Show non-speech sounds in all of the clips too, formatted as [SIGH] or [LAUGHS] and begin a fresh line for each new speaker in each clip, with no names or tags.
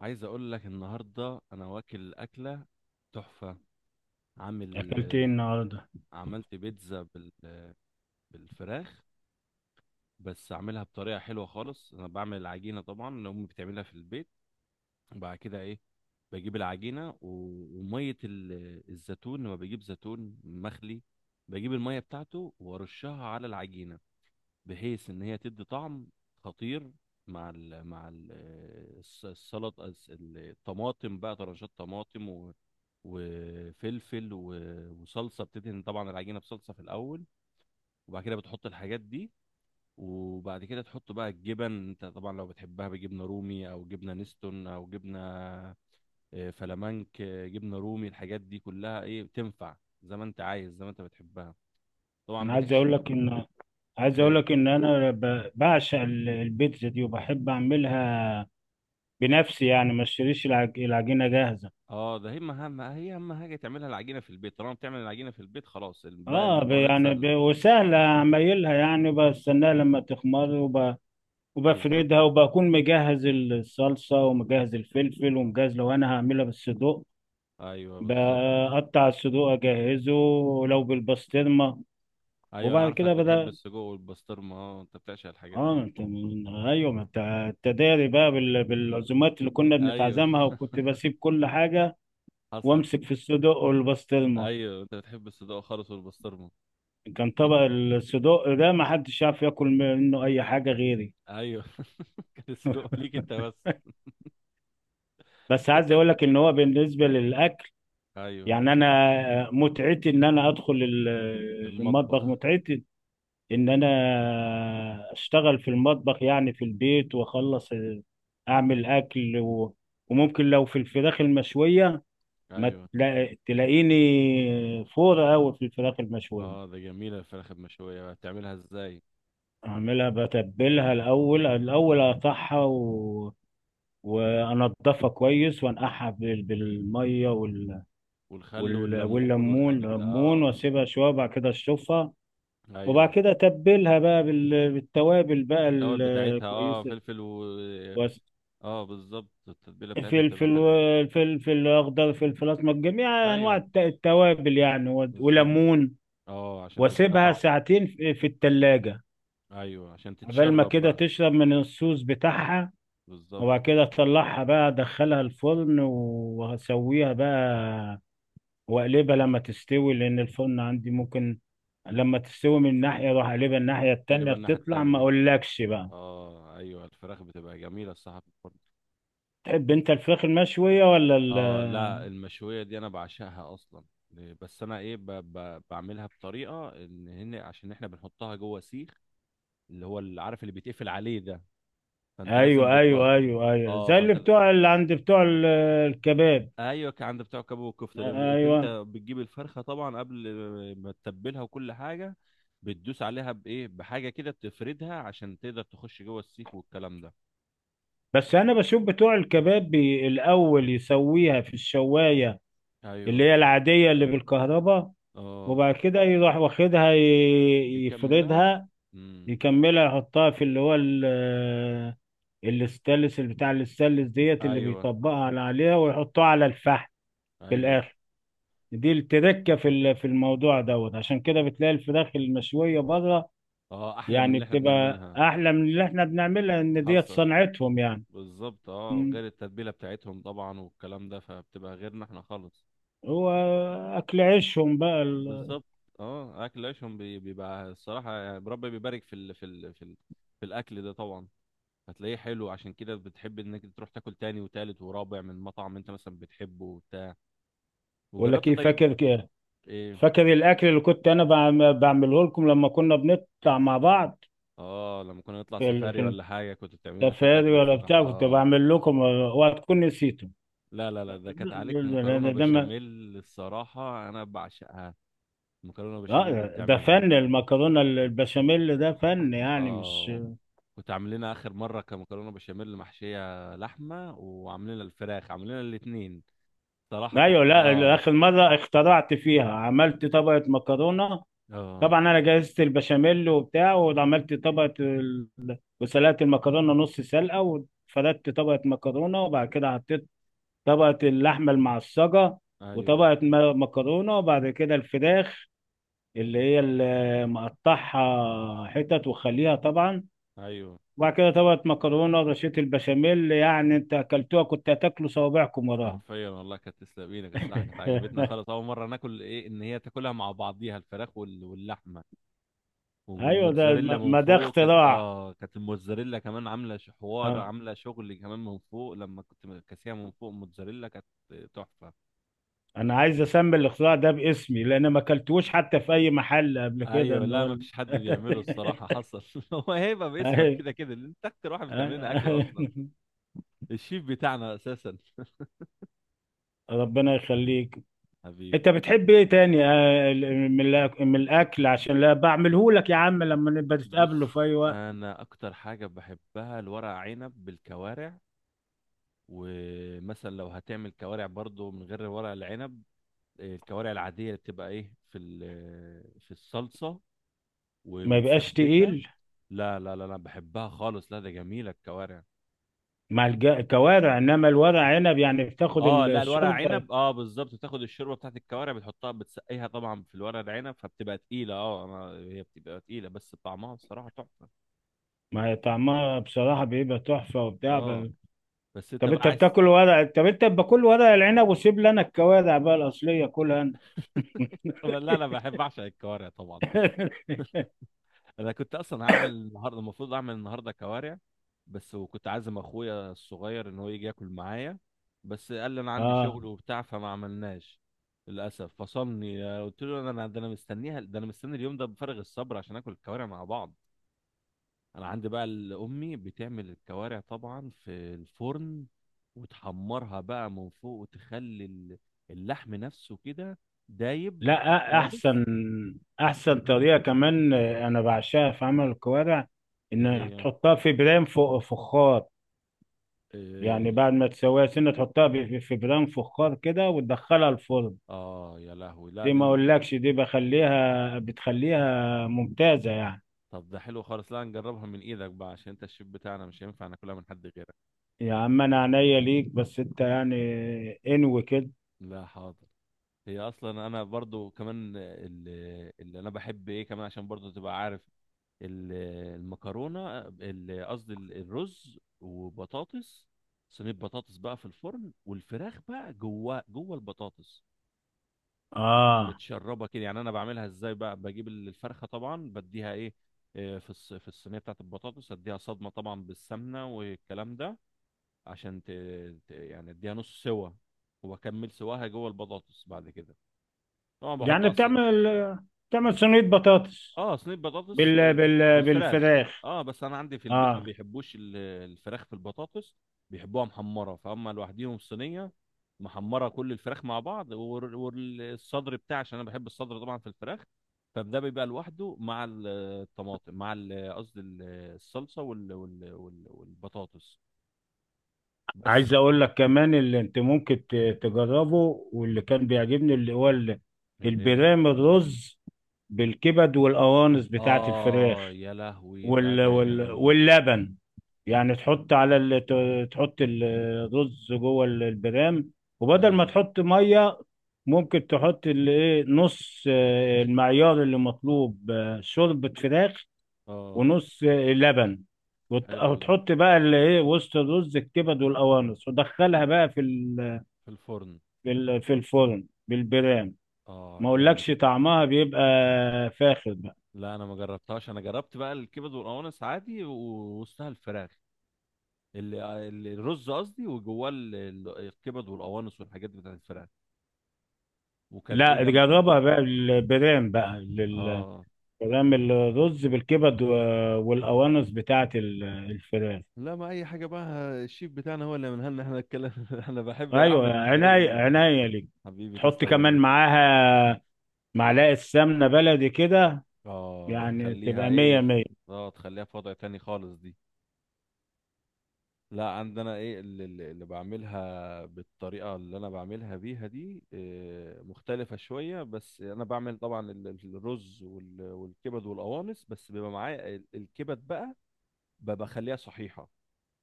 عايز اقول لك النهارده انا واكل اكله تحفه. عامل
اكلت ايه النهارده؟
عملت بيتزا بالفراخ. بس عاملها بطريقه حلوه خالص. انا بعمل العجينه طبعا اللي امي بتعملها في البيت، وبعد كده ايه؟ بجيب العجينه وميه الزيتون، لما بجيب زيتون مخلي بجيب الميه بتاعته وارشها على العجينه، بحيث ان هي تدي طعم خطير. مع السلطه، الطماطم بقى، طرنشات طماطم وفلفل وصلصه. بتدهن طبعا العجينه بصلصه في الاول، وبعد كده بتحط الحاجات دي، وبعد كده تحط بقى الجبن. انت طبعا لو بتحبها بجبنه رومي او جبنه نستون او جبنه فلامنك، جبنه رومي، الحاجات دي كلها ايه بتنفع زي ما انت عايز، زي ما انت بتحبها. طبعا
انا عايز
بتحشي.
اقول لك ان عايز اقول
ايوه.
لك ان انا بعشق البيتزا دي وبحب اعملها بنفسي. يعني ما اشتريش العجينه جاهزه.
اه ده هي هي اهم حاجه تعملها العجينه في البيت. طالما بتعمل العجينه في البيت خلاص، بقى المكونات سهله.
وسهله اعملها، يعني بستناها لما تخمر
بالظبط.
وبفردها، وبكون مجهز الصلصه ومجهز الفلفل ومجهز لو انا هعملها بالصدوق.
ايوه بالظبط.
بقطع الصدوق اجهزه لو بالبسطرمه.
ايوه انا
وبعد
عارفك
كده
بتحب
بدأ،
السجق والبسطرمه. اه انت بتعشق الحاجات دي.
اه انت ايوه، ما انت التداري بقى بالعزومات اللي كنا
ايوه،
بنتعزمها، وكنت بسيب كل حاجه
حصل.
وامسك في الصدق والبسطرمه.
ايوه انت بتحب الصدوق خالص والبسطرمه.
كان
إيه،
طبق الصدق ده ما حدش يعرف ياكل منه اي حاجه غيري.
ايوه [LAUGHS] كان السجق ليك انت بس.
بس
انت
عايز
تعمل.
اقول لك ان هو بالنسبه للاكل،
ايوه.
يعني انا متعتي ان انا ادخل المطبخ.
المطبخ.
متعتي ان انا اشتغل في المطبخ يعني في البيت واخلص اعمل اكل وممكن لو في الفراخ المشويه ما
ايوه.
تلا- تلاقيني فور قوي في الفراخ
اه
المشوية.
ده جميله الفراخ المشويه، بتعملها ازاي؟
اعملها بتبلها الاول، الاول اقطعها وانضفها كويس وانقعها بالميه
والخل والليمون
والليمون،
والحاجات ده
ليمون،
اه.
واسيبها شويه وبعد كده اشطفها. وبعد
ايوه.
كده اتبلها بقى بالتوابل بقى
التوابل بتاعتها اه
الكويسه.
فلفل و.
وأس-
اه بالظبط التتبيله بتاعتها بتبقى
فلفل،
حلوه.
فلفل اخضر، فلفل اسمر، جميع انواع
ايوه
التوابل يعني،
بالظبط.
وليمون.
اه عشان تديها
واسيبها
طعم.
ساعتين في التلاجة
ايوه عشان
قبل ما
تتشرب
كده
بقى.
تشرب من الصوص بتاعها.
بالظبط.
وبعد كده اطلعها بقى، ادخلها الفرن وهسويها بقى، واقلبها لما تستوي، لان الفرن عندي ممكن لما تستوي من ناحية اروح اقلبها الناحية التانية.
تقلبها الناحيه
بتطلع ما
التانيه.
اقولكش بقى.
اه ايوه الفراخ بتبقى جميله الصراحه في الفرن.
تحب انت الفراخ المشوية ولا ال...؟
اه لا، المشويه دي انا بعشقها اصلا. بس انا ايه بعملها بطريقه ان هن، عشان احنا بنحطها جوه سيخ، اللي هو اللي عارف اللي بيتقفل عليه ده. فانت
ايوه،
لازم بتبقى
ايوه، ايوه، ايوه،
اه
زي اللي
فانت ل-
بتوع اللي عند بتوع الكباب.
ايوه، كان عند بتاع الكباب والكفته لان انت
ايوه.
بتجيب الفرخه طبعا قبل ما تتبلها وكل حاجه، بتدوس عليها بايه، بحاجه كده بتفردها عشان تقدر تخش جوه السيخ والكلام ده.
بس انا بشوف بتوع الكباب الاول يسويها في الشوايه، اللي
ايوه.
هي العاديه اللي بالكهرباء،
اه
وبعد كده يروح واخدها
يكملها.
يفردها،
امم.
يكملها، يحطها في اللي هو الاستانلس، اللي بتاع الاستانلس ديت، اللي
ايوه
بيطبقها عليها ويحطها على الفحم في
ايوه.
الاخر. دي التركه في في الموضوع دوت. عشان كده بتلاقي الفراخ المشويه بره،
اه احلى من
يعني
اللي احنا
بتبقى
بنعملها.
احلى من اللي احنا بنعملها، ان ديت
حصل.
صنعتهم يعني.
بالظبط. اه
مم.
غير التتبيله بتاعتهم طبعا والكلام ده، فبتبقى غيرنا احنا خالص.
هو اكل عيشهم بقى
بالظبط. اه اكل عيشهم بيبقى الصراحه، يعني ربنا بيبارك في في الاكل ده طبعا. هتلاقيه حلو، عشان كده بتحب انك تروح تاكل تاني وتالت ورابع من مطعم انت مثلا بتحبه وبتاع.
ولا
وجربت
كيف؟
طيب.
فاكر كده؟
ايه؟
فاكر الاكل اللي كنت انا بعمله لكم لما كنا بنطلع مع بعض
اه لما كنا نطلع
في
سفاري
في
ولا حاجه كنت بتعمل لنا شويه
الكافيهات
اكل
ولا
الصراحه
بتاع؟ كنت
اه.
بعمل لكم وهتكون نسيته.
لا لا لا ده كانت عليك مكرونه
لأن ده ما
بشاميل. الصراحه انا بعشقها المكرونه بشاميل اللي
آه، ده
بتعملها.
فن. المكرونه البشاميل ده فن يعني، مش...
اه كنت عامل لنا اخر مره كمكرونه بشاميل محشيه لحمه، وعاملين لنا الفراخ، عاملين لنا الاثنين. صراحه كانت
ايوه، لا،
اه.
اخر مره اخترعت فيها عملت طبقه مكرونه.
اه
طبعا انا جهزت البشاميل وبتاع وعملت طبقه وسلقت المكرونه نص سلقه، وفردت طبقه مكرونه، وبعد كده حطيت طبقه اللحمه المعصجه،
ايوه
وطبقه مكرونه، وبعد كده الفراخ اللي هي اللي مقطعها حتت وخليها طبعا،
ايوه.
وبعد كده طبقة مكرونة ورشة البشاميل. يعني انت اكلتوها كنت هتاكلوا صوابعكم وراها.
حرفيا والله كانت تسلق ايدك، الصراحه كانت عجبتنا
[LAUGHS]
خالص، اول مره ناكل ايه ان هي تاكلها مع بعضيها الفراخ واللحمه.
ايوه، ده ما
والموتزاريلا من
ما ده
فوق كانت
اختراع.
كانت الموتزاريلا كمان عامله حوار،
آه.
عامله شغل كمان من فوق، لما كنت كاسيها من فوق الموتزاريلا كانت تحفه.
انا عايز اسمي الاختراع ده باسمي، لان ما اكلتوش حتى في اي محل قبل كده
ايوه
ان
لا،
هو
ما فيش حد بيعمله
[LAUGHS]
الصراحه، حصل [LAUGHS] هو هيبه باسمك
أيوة.
كده كده، لأن انت اكتر واحد بتعمل لنا اكل اصلا،
[LAUGHS]
الشيف بتاعنا اساسا [LAUGHS]
ربنا يخليك. انت
حبيبي.
بتحب ايه تاني من من الاكل عشان لا بعمله لك، يا عم، لما نبقى تتقابلوا في
بص.
اي وقت؟
انا اكتر حاجه بحبها الورق عنب بالكوارع، ومثلا لو هتعمل كوارع برضو من غير ورق العنب، إيه، الكوارع العاديه اللي بتبقى ايه في الصلصه
ما يبقاش
ومتسبكه.
تقيل
لا لا لا لا بحبها خالص، لا ده جميله الكوارع.
مع كوارع. انما الورق عنب يعني بتاخد
اه لا، الورق
الشوربه.
عنب، اه بالظبط بتاخد الشوربه بتاعت الكوارع، بتحطها بتسقيها طبعا في الورق العنب فبتبقى تقيله. اه انا هي بتبقى تقيله، بس طعمها الصراحه تحفه.
ما هي طعمها بصراحه بيبقى تحفه وبتاع
اه بس انت بقى عايز.
طب انت باكل ورق العنب وسيب لنا الكوارع بقى الاصليه كلها انت.
[LAUGHS] طب لا انا بحب اعشق الكوارع طبعا.
[LAUGHS]
انا كنت اصلا هعمل النهارده، المفروض اعمل النهارده كوارع، بس وكنت عازم اخويا الصغير ان هو يجي ياكل معايا، بس قال لي انا عندي
اه،
شغل وبتاع فما عملناش للاسف، فصلني. قلت له انا ده انا مستنيها، ده انا مستني اليوم ده بفارغ الصبر عشان اكل الكوارع مع بعض. انا عندي بقى امي بتعمل الكوارع طبعا في الفرن، وتحمرها بقى من فوق وتخلي اللحم نفسه كده
لا،
دايب
أ-
خالص.
احسن احسن طريقه كمان، انا بعشقها في عمل الكوارع،
ايه
ان
هي؟
تحطها في برام فوق فخار. يعني
إيه.
بعد ما تسويها سنه تحطها في برام فخار كده وتدخلها الفرن.
اه يا لهوي لا
دي ما اقولكش، دي بتخليها ممتازة يعني.
طب ده حلو خالص، لا نجربها من ايدك بقى عشان انت الشيف بتاعنا مش هينفع ناكلها من حد غيرك.
يا عم انا عينيا ليك، بس انت يعني انوي كده.
لا حاضر. هي اصلا انا برضو كمان اللي, اللي انا بحب ايه كمان، عشان برضو تبقى عارف ال- المكرونه ال- قصدي ال- الرز وبطاطس. صينيه بطاطس بقى في الفرن، والفراخ بقى جوه جوه البطاطس تكون
اه
متشربه كده. يعني انا بعملها ازاي بقى؟ بجيب الفرخه طبعا بديها ايه في الصينيه بتاعت البطاطس، اديها صدمه طبعا بالسمنه والكلام ده عشان يعني اديها نص سوا واكمل سواها جوه البطاطس بعد كده. طبعا بحط
يعني بتعمل صينية بطاطس
اه صينيه بطاطس، بالفراخ.
بالفراخ.
اه بس انا عندي في البيت ما
اه،
بيحبوش الفراخ في البطاطس، بيحبوها محمره. فهم لوحديهم صينيه محمره كل الفراخ مع بعض، والصدر بتاعي عشان انا بحب الصدر طبعا في الفراخ. فده بيبقى لوحده مع الطماطم، مع قصدي الصلصه والبطاطس بس.
عايز اقول لك كمان اللي انت ممكن تجربه، واللي كان بيعجبني اللي هو
الايه.
البرام الرز بالكبد والقوانص بتاعت
اه
الفراخ
يا لهوي لا ده جميل.
واللبن. يعني تحط على تحط الرز جوه البرام، وبدل ما
ايوه.
تحط ميه ممكن تحط الايه نص، المعيار اللي مطلوب، شوربة فراخ،
اه
ونص، لبن،
حلو ده.
وتحط بقى الايه وسط الرز الكبد والقوانص، ودخلها بقى في
في الفرن.
في الفرن بالبرام.
اه
ما
جامد
اقولكش
ده.
طعمها بيبقى فاخر بقى.
لا انا ما جربتهاش. انا جربت بقى الكبد والقوانص عادي ووسطها الفراخ، الرز قصدي، وجواه الكبد والقوانص والحاجات بتاعت الفراخ، وكانت ايه
لا،
جنب.
جربها بقى البرام بقى.
اه
بنعمل رز بالكبد والقوانص بتاعت الفراخ.
لا ما اي حاجه بقى، الشيف بتاعنا هو اللي منها لنا احنا نتكلم [LAUGHS] انا بحب اعمل
ايوه،
الحاجات ال...
عناية ليك.
حبيبي
تحط
تسلم
كمان
عينيك.
معاها معلقة سمنة بلدي كده،
اه
يعني
تخليها
تبقى
ايه
مية مية.
اه تخليها في وضع تاني خالص دي. لا عندنا ايه اللي, اللي اللي بعملها بالطريقة اللي انا بعملها بيها دي، إيه، مختلفة شوية. بس انا بعمل طبعا الرز والكبد والقوانص، بس بيبقى معايا الكبد بقى بخليها صحيحة،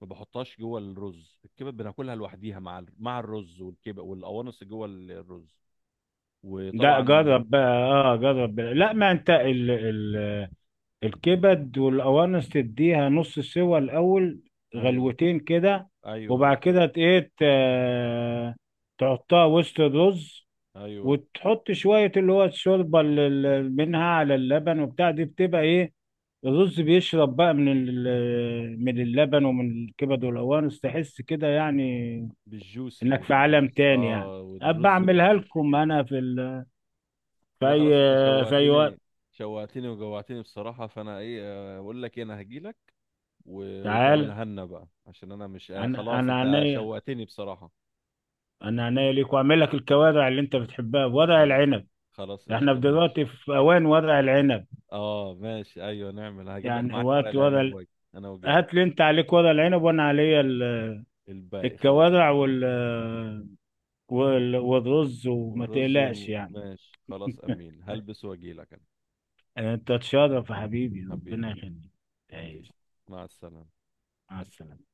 ما بحطهاش جوه الرز. الكبد بناكلها لوحديها، مع مع الرز، والكبد والقوانص جوه الرز
لا،
وطبعا.
جرب بقى. لا، ما انت ال ال الكبد والقوانص تديها نص سوا الاول،
ايوه
غلوتين كده،
ايوه
وبعد
بالظبط.
كده تحطها وسط الرز،
ايوه
وتحط شوية اللي هو الشوربة منها على اللبن وبتاع. دي بتبقى ايه، الرز بيشرب بقى من من اللبن ومن الكبد والقوانص. تحس كده يعني
بالجوسي
انك في عالم
الرز،
تاني يعني.
اه
ابقى
والرز يبقى
اعملها
جوسي
لكم
كده.
انا في ال... في
لا
اي
خلاص انت
في اي وقت.
شوقتني، وجوعتني بصراحة. فانا ايه اقول لك ايه؟ انا هجيلك
تعال،
وتعملها لنا بقى عشان انا مش خلاص،
انا
انت شوقتني بصراحة.
انا عينيا ليك، واعمل لك الكوارع اللي انت بتحبها، ورق
خلاص
العنب.
خلاص
احنا
قشطة
في
ماشي.
دلوقتي في اوان ورق العنب،
اه ماشي ايوه نعمل، هجيب لك
يعني
معايا ورق
وقت ورق
العنب واجي. انا وجاي.
هات لي، انت عليك ورق العنب وانا عليا
الباقي خلاص.
الكوارع والرز، وما
والرز
تقلقش يعني.
ماشي خلاص امين، هلبس واجيلك انا.
انت تشرف يا حبيبي،
حبيبي.
ربنا يخليك،
حبيبي.
تعيش.
مع السلامة.
مع السلامة.